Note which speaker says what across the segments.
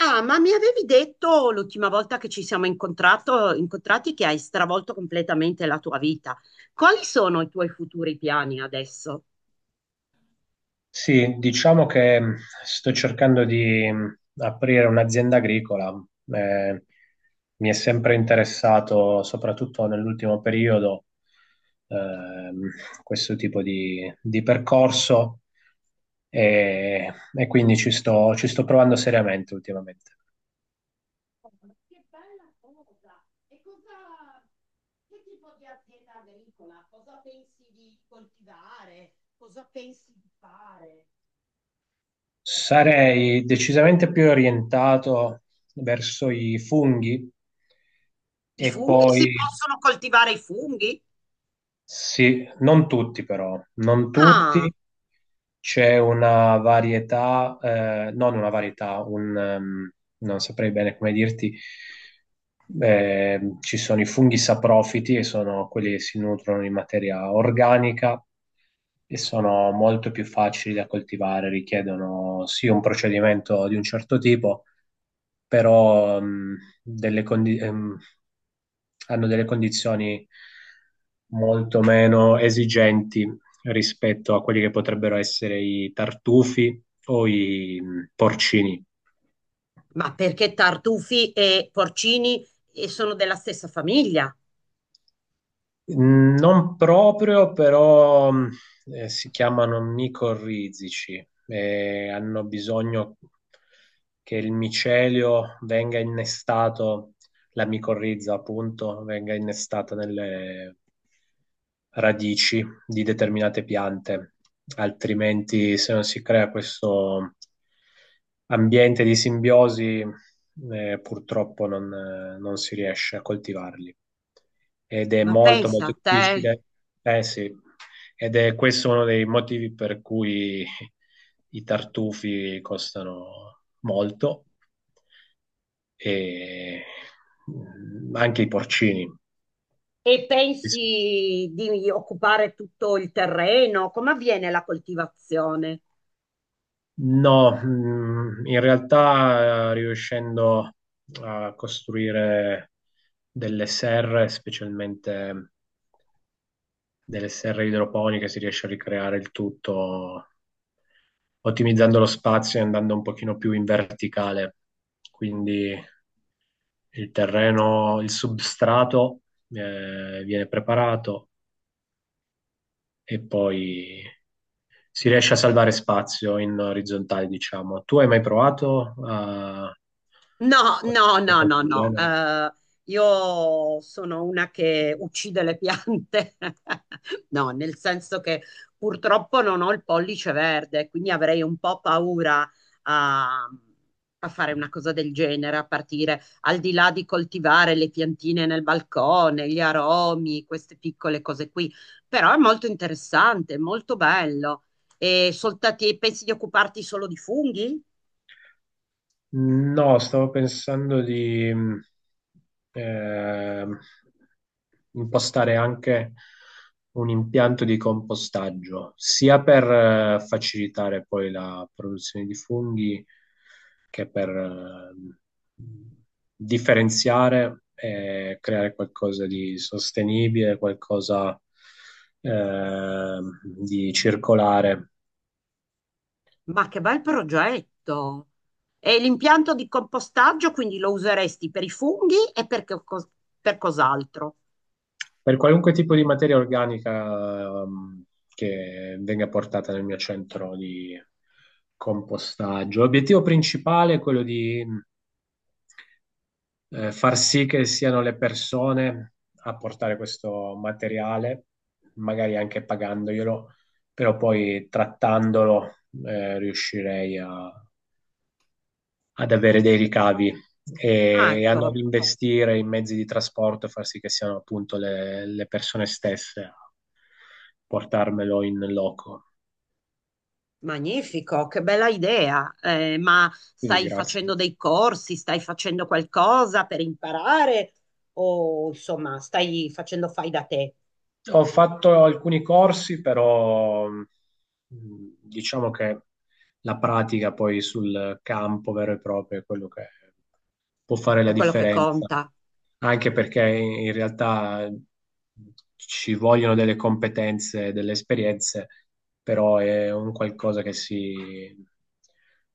Speaker 1: Ah, ma mi avevi detto l'ultima volta che ci siamo incontrati che hai stravolto completamente la tua vita. Quali sono i tuoi futuri piani adesso?
Speaker 2: Sì, diciamo che sto cercando di aprire un'azienda agricola. Eh, Mi è sempre interessato, soprattutto nell'ultimo periodo, ehm, questo tipo di percorso e quindi ci sto provando seriamente ultimamente.
Speaker 1: Oh, ma che bella cosa! E che tipo di azienda agricola? Cosa pensi di coltivare? Cosa pensi di fare?
Speaker 2: Sarei decisamente più orientato verso i funghi.
Speaker 1: I
Speaker 2: E
Speaker 1: funghi?
Speaker 2: poi
Speaker 1: Si possono coltivare i funghi?
Speaker 2: sì, non tutti però, non
Speaker 1: Ah,
Speaker 2: tutti, c'è una varietà, non una varietà, un, non saprei bene come dirti, ci sono i funghi saprofiti che sono quelli che si nutrono di materia organica e sono molto più facili da coltivare, richiedono sì un procedimento di un certo tipo, però hanno delle condizioni molto meno esigenti rispetto a quelli che potrebbero essere i tartufi o i porcini.
Speaker 1: ma perché tartufi e porcini sono della stessa famiglia?
Speaker 2: Non proprio, però si chiamano micorrizici e hanno bisogno che il micelio venga innestato, la micorrizza appunto, venga innestata nelle radici di determinate piante, altrimenti se non si crea questo ambiente di simbiosi, purtroppo non si riesce a coltivarli ed è
Speaker 1: Ma
Speaker 2: molto
Speaker 1: pensa
Speaker 2: molto
Speaker 1: a te.
Speaker 2: difficile. Eh sì, ed è questo uno dei motivi per cui i tartufi costano molto e anche i porcini.
Speaker 1: E pensi di occupare tutto il terreno? Come avviene la coltivazione?
Speaker 2: No, in realtà riuscendo a costruire delle serre, specialmente delle serre idroponiche, si riesce a ricreare il tutto ottimizzando lo spazio e andando un pochino più in verticale. Quindi il terreno, il substrato viene preparato e poi si riesce a salvare spazio in orizzontale, diciamo. Tu hai mai provato a
Speaker 1: No,
Speaker 2: fare
Speaker 1: no, no,
Speaker 2: qualcosa
Speaker 1: no,
Speaker 2: del
Speaker 1: no.
Speaker 2: genere?
Speaker 1: Io sono una che uccide le piante. No, nel senso che purtroppo non ho il pollice verde, quindi avrei un po' paura a, a fare una cosa del genere, a partire al di là di coltivare le piantine nel balcone, gli aromi, queste piccole cose qui. Però è molto interessante, molto bello. E soltati, pensi di occuparti solo di funghi?
Speaker 2: No, stavo pensando di ehm, impostare anche un impianto di compostaggio, sia per facilitare poi la produzione di funghi che per differenziare e creare qualcosa di sostenibile, qualcosa eh, di circolare.
Speaker 1: Ma che bel progetto! E l'impianto di compostaggio quindi lo useresti per i funghi e per cos'altro?
Speaker 2: Per qualunque tipo di materia organica, che venga portata nel mio centro di compostaggio. L'obiettivo principale è quello di far sì che siano le persone a portare questo materiale, magari anche pagandoglielo, però poi trattandolo eh, riuscirei a- ad avere dei ricavi
Speaker 1: Ah,
Speaker 2: e a
Speaker 1: ecco,
Speaker 2: non investire in mezzi di trasporto, far sì che siano appunto le persone stesse portarmelo in loco.
Speaker 1: magnifico, che bella idea. Ma
Speaker 2: Quindi
Speaker 1: stai
Speaker 2: grazie.
Speaker 1: facendo dei corsi, stai facendo qualcosa per imparare o insomma stai facendo fai da te?
Speaker 2: Ho fatto alcuni corsi, però diciamo che la pratica poi sul campo vero e proprio è quello che può fare
Speaker 1: È
Speaker 2: la
Speaker 1: quello che
Speaker 2: differenza.
Speaker 1: conta.
Speaker 2: Anche perché in realtà ci vogliono delle competenze, delle esperienze, però è un qualcosa che si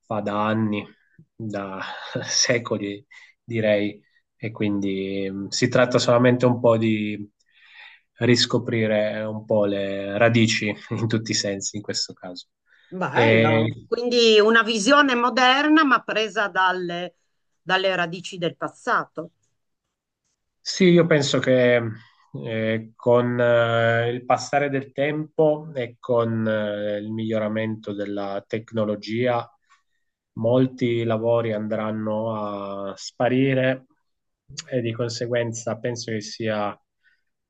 Speaker 2: fa da anni, da secoli, direi, e quindi si tratta solamente un po' di riscoprire un po' le radici in tutti i sensi in questo caso.
Speaker 1: Bello.
Speaker 2: E
Speaker 1: Quindi una visione moderna ma presa dalle radici del passato.
Speaker 2: sì, io penso che con il passare del tempo e con il miglioramento della tecnologia, molti lavori andranno a sparire e di conseguenza penso che sia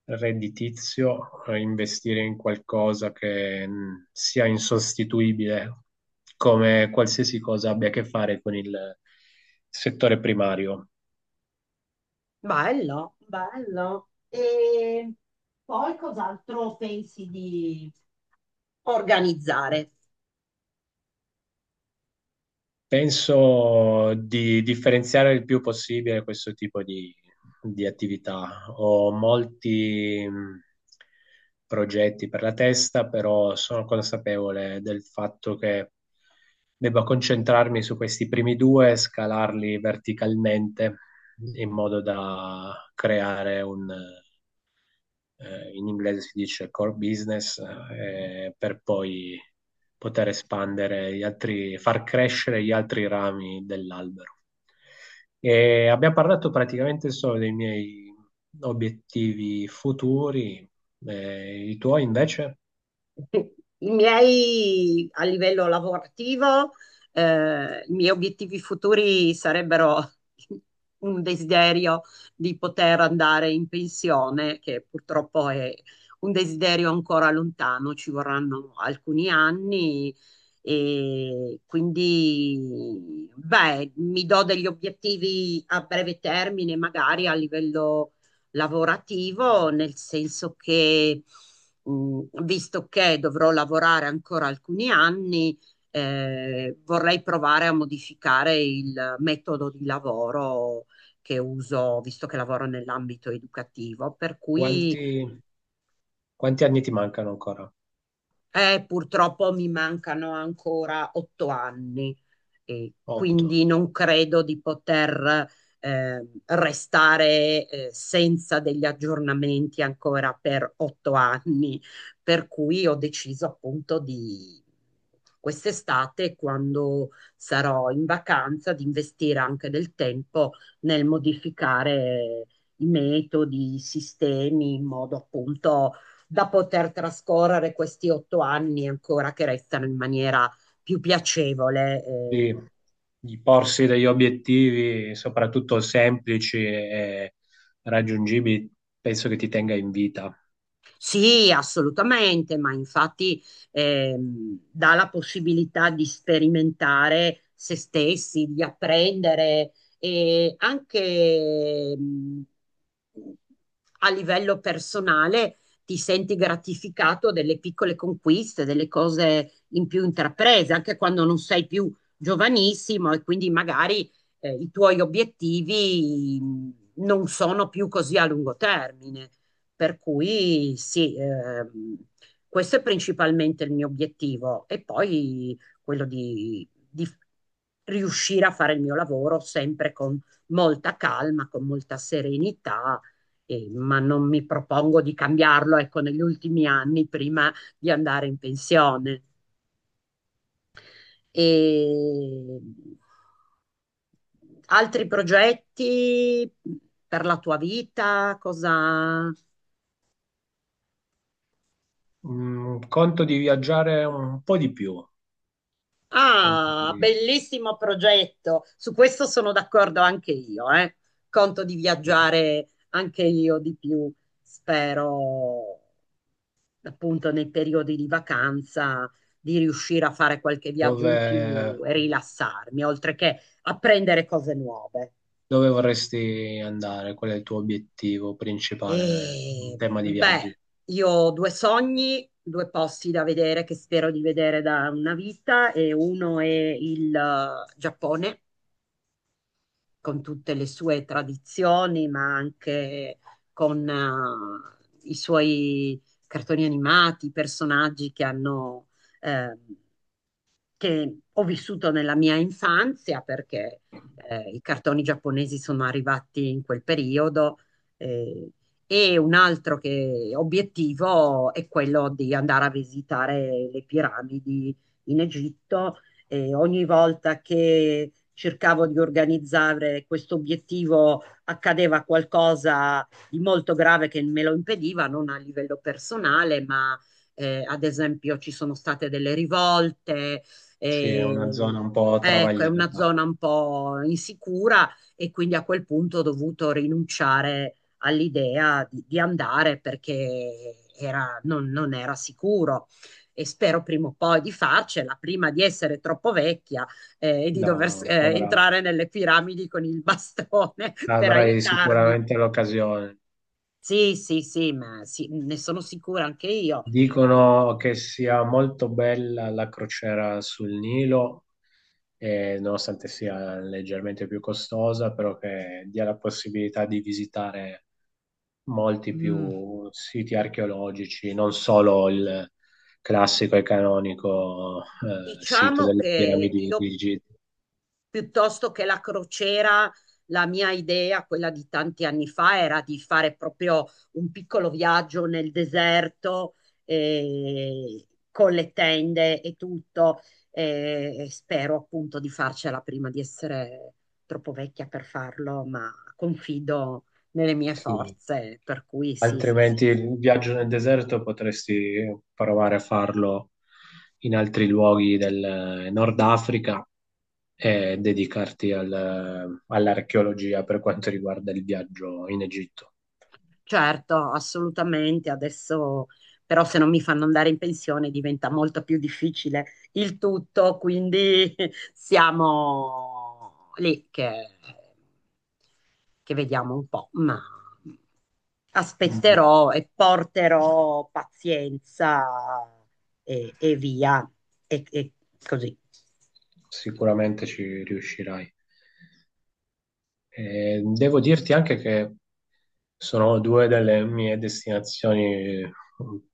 Speaker 2: redditizio investire in qualcosa che sia insostituibile, come qualsiasi cosa abbia a che fare con il settore primario.
Speaker 1: Bello, bello. E poi cos'altro pensi di... organizzare.
Speaker 2: Penso di differenziare il più possibile questo tipo di attività. Ho molti progetti per la testa, però sono consapevole del fatto che debba concentrarmi su questi primi due e scalarli verticalmente in modo da creare un in inglese si dice core business, per poi poter espandere gli altri, far crescere gli altri rami dell'albero. E abbiamo parlato praticamente solo dei miei obiettivi futuri, i tuoi invece,
Speaker 1: I miei a livello lavorativo, i miei obiettivi futuri sarebbero un desiderio di poter andare in pensione, che purtroppo è un desiderio ancora lontano, ci vorranno alcuni anni e quindi, beh, mi do degli obiettivi a breve termine, magari a livello lavorativo, nel senso che visto che dovrò lavorare ancora alcuni anni, vorrei provare a modificare il metodo di lavoro che uso, visto che lavoro nell'ambito educativo, per cui
Speaker 2: quanti, quanti anni ti mancano ancora?
Speaker 1: purtroppo mi mancano ancora otto anni. E
Speaker 2: 8.
Speaker 1: quindi non credo di poter restare senza degli aggiornamenti ancora per otto anni, per cui ho deciso appunto di quest'estate, quando sarò in vacanza, di investire anche del tempo nel modificare i metodi, i sistemi, in modo appunto da poter trascorrere questi otto anni ancora che restano in maniera più piacevole, eh.
Speaker 2: Sì, di porsi degli obiettivi, soprattutto semplici e raggiungibili, penso che ti tenga in vita.
Speaker 1: Sì, assolutamente, ma infatti dà la possibilità di sperimentare se stessi, di apprendere e anche a livello personale ti senti gratificato delle piccole conquiste, delle cose in più intraprese, anche quando non sei più giovanissimo e quindi magari i tuoi obiettivi non sono più così a lungo termine. Per cui sì, questo è principalmente il mio obiettivo e poi quello di riuscire a fare il mio lavoro sempre con molta calma, con molta serenità, ma non mi propongo di cambiarlo, ecco, negli ultimi anni prima di andare in pensione. E altri progetti per la tua vita? Cosa...
Speaker 2: Conto di viaggiare un po' di più, conto
Speaker 1: Ah,
Speaker 2: di-
Speaker 1: bellissimo progetto. Su questo sono d'accordo anche io, eh. Conto di
Speaker 2: di-
Speaker 1: viaggiare anche io di più, spero, appunto, nei periodi di vacanza di riuscire a fare qualche viaggio
Speaker 2: dove,
Speaker 1: in più e rilassarmi, oltre che apprendere cose nuove.
Speaker 2: dove vorresti andare? Qual è il tuo obiettivo principale in
Speaker 1: E
Speaker 2: tema di
Speaker 1: beh,
Speaker 2: viaggi?
Speaker 1: io ho due sogni, due posti da vedere che spero di vedere da una vita e uno è il Giappone con tutte le sue tradizioni, ma anche con i suoi cartoni animati, personaggi che hanno ehm, che ho vissuto nella mia infanzia perché i cartoni giapponesi sono arrivati in quel periodo eh, e un obiettivo è quello di andare a visitare le piramidi in Egitto e ogni volta che cercavo di organizzare questo obiettivo accadeva qualcosa di molto grave che me lo impediva, non a livello personale, ma ad esempio ci sono state delle rivolte,
Speaker 2: Sì, è una
Speaker 1: e,
Speaker 2: zona un po'
Speaker 1: ecco, è una
Speaker 2: travagliata.
Speaker 1: zona un po' insicura e quindi a quel punto ho dovuto rinunciare all'idea di andare perché non, non era sicuro. E spero prima o poi di farcela, prima di essere troppo vecchia e di
Speaker 2: No,
Speaker 1: dover
Speaker 2: avrà-
Speaker 1: entrare nelle piramidi con il bastone per
Speaker 2: avrai
Speaker 1: aiutarmi.
Speaker 2: sicuramente l'occasione.
Speaker 1: Sì, sì, sì, ma sì, ne sono sicura anche io. Eh,
Speaker 2: Dicono che sia molto bella la crociera sul Nilo nonostante sia leggermente più costosa, però che dia la possibilità di visitare molti
Speaker 1: mm.
Speaker 2: più siti archeologici, non solo il classico e canonico sito
Speaker 1: Diciamo
Speaker 2: delle
Speaker 1: che
Speaker 2: piramidi
Speaker 1: io
Speaker 2: di Gizeh.
Speaker 1: piuttosto che la crociera, la mia idea, quella di tanti anni fa, era di fare proprio un piccolo viaggio nel deserto eh, con le tende e tutto. Eh, e spero appunto di farcela prima di essere troppo vecchia per farlo, ma confido nelle mie
Speaker 2: Sì.
Speaker 1: forze, per cui sì,
Speaker 2: Altrimenti
Speaker 1: spero.
Speaker 2: il viaggio nel deserto potresti provare a farlo in altri luoghi del Nord Africa e dedicarti all'archeologia per quanto riguarda il viaggio in Egitto.
Speaker 1: Certo, assolutamente. Adesso però se non mi fanno andare in pensione diventa molto più difficile il tutto, quindi siamo lì che vediamo un po', ma
Speaker 2: Mm,
Speaker 1: aspetterò e porterò pazienza e via, e così.
Speaker 2: Sicuramente ci riuscirai. Devo dirti anche che sono due delle mie destinazioni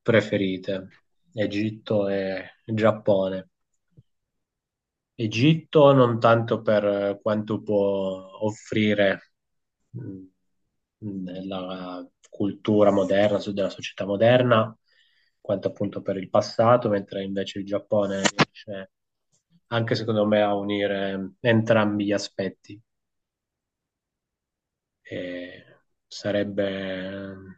Speaker 2: preferite, Egitto e Giappone. Egitto non tanto per quanto può offrire mh, nella cultura moderna, della società moderna, quanto appunto per il passato, mentre invece il Giappone riesce anche secondo me a unire entrambi gli aspetti. E sarebbe mm,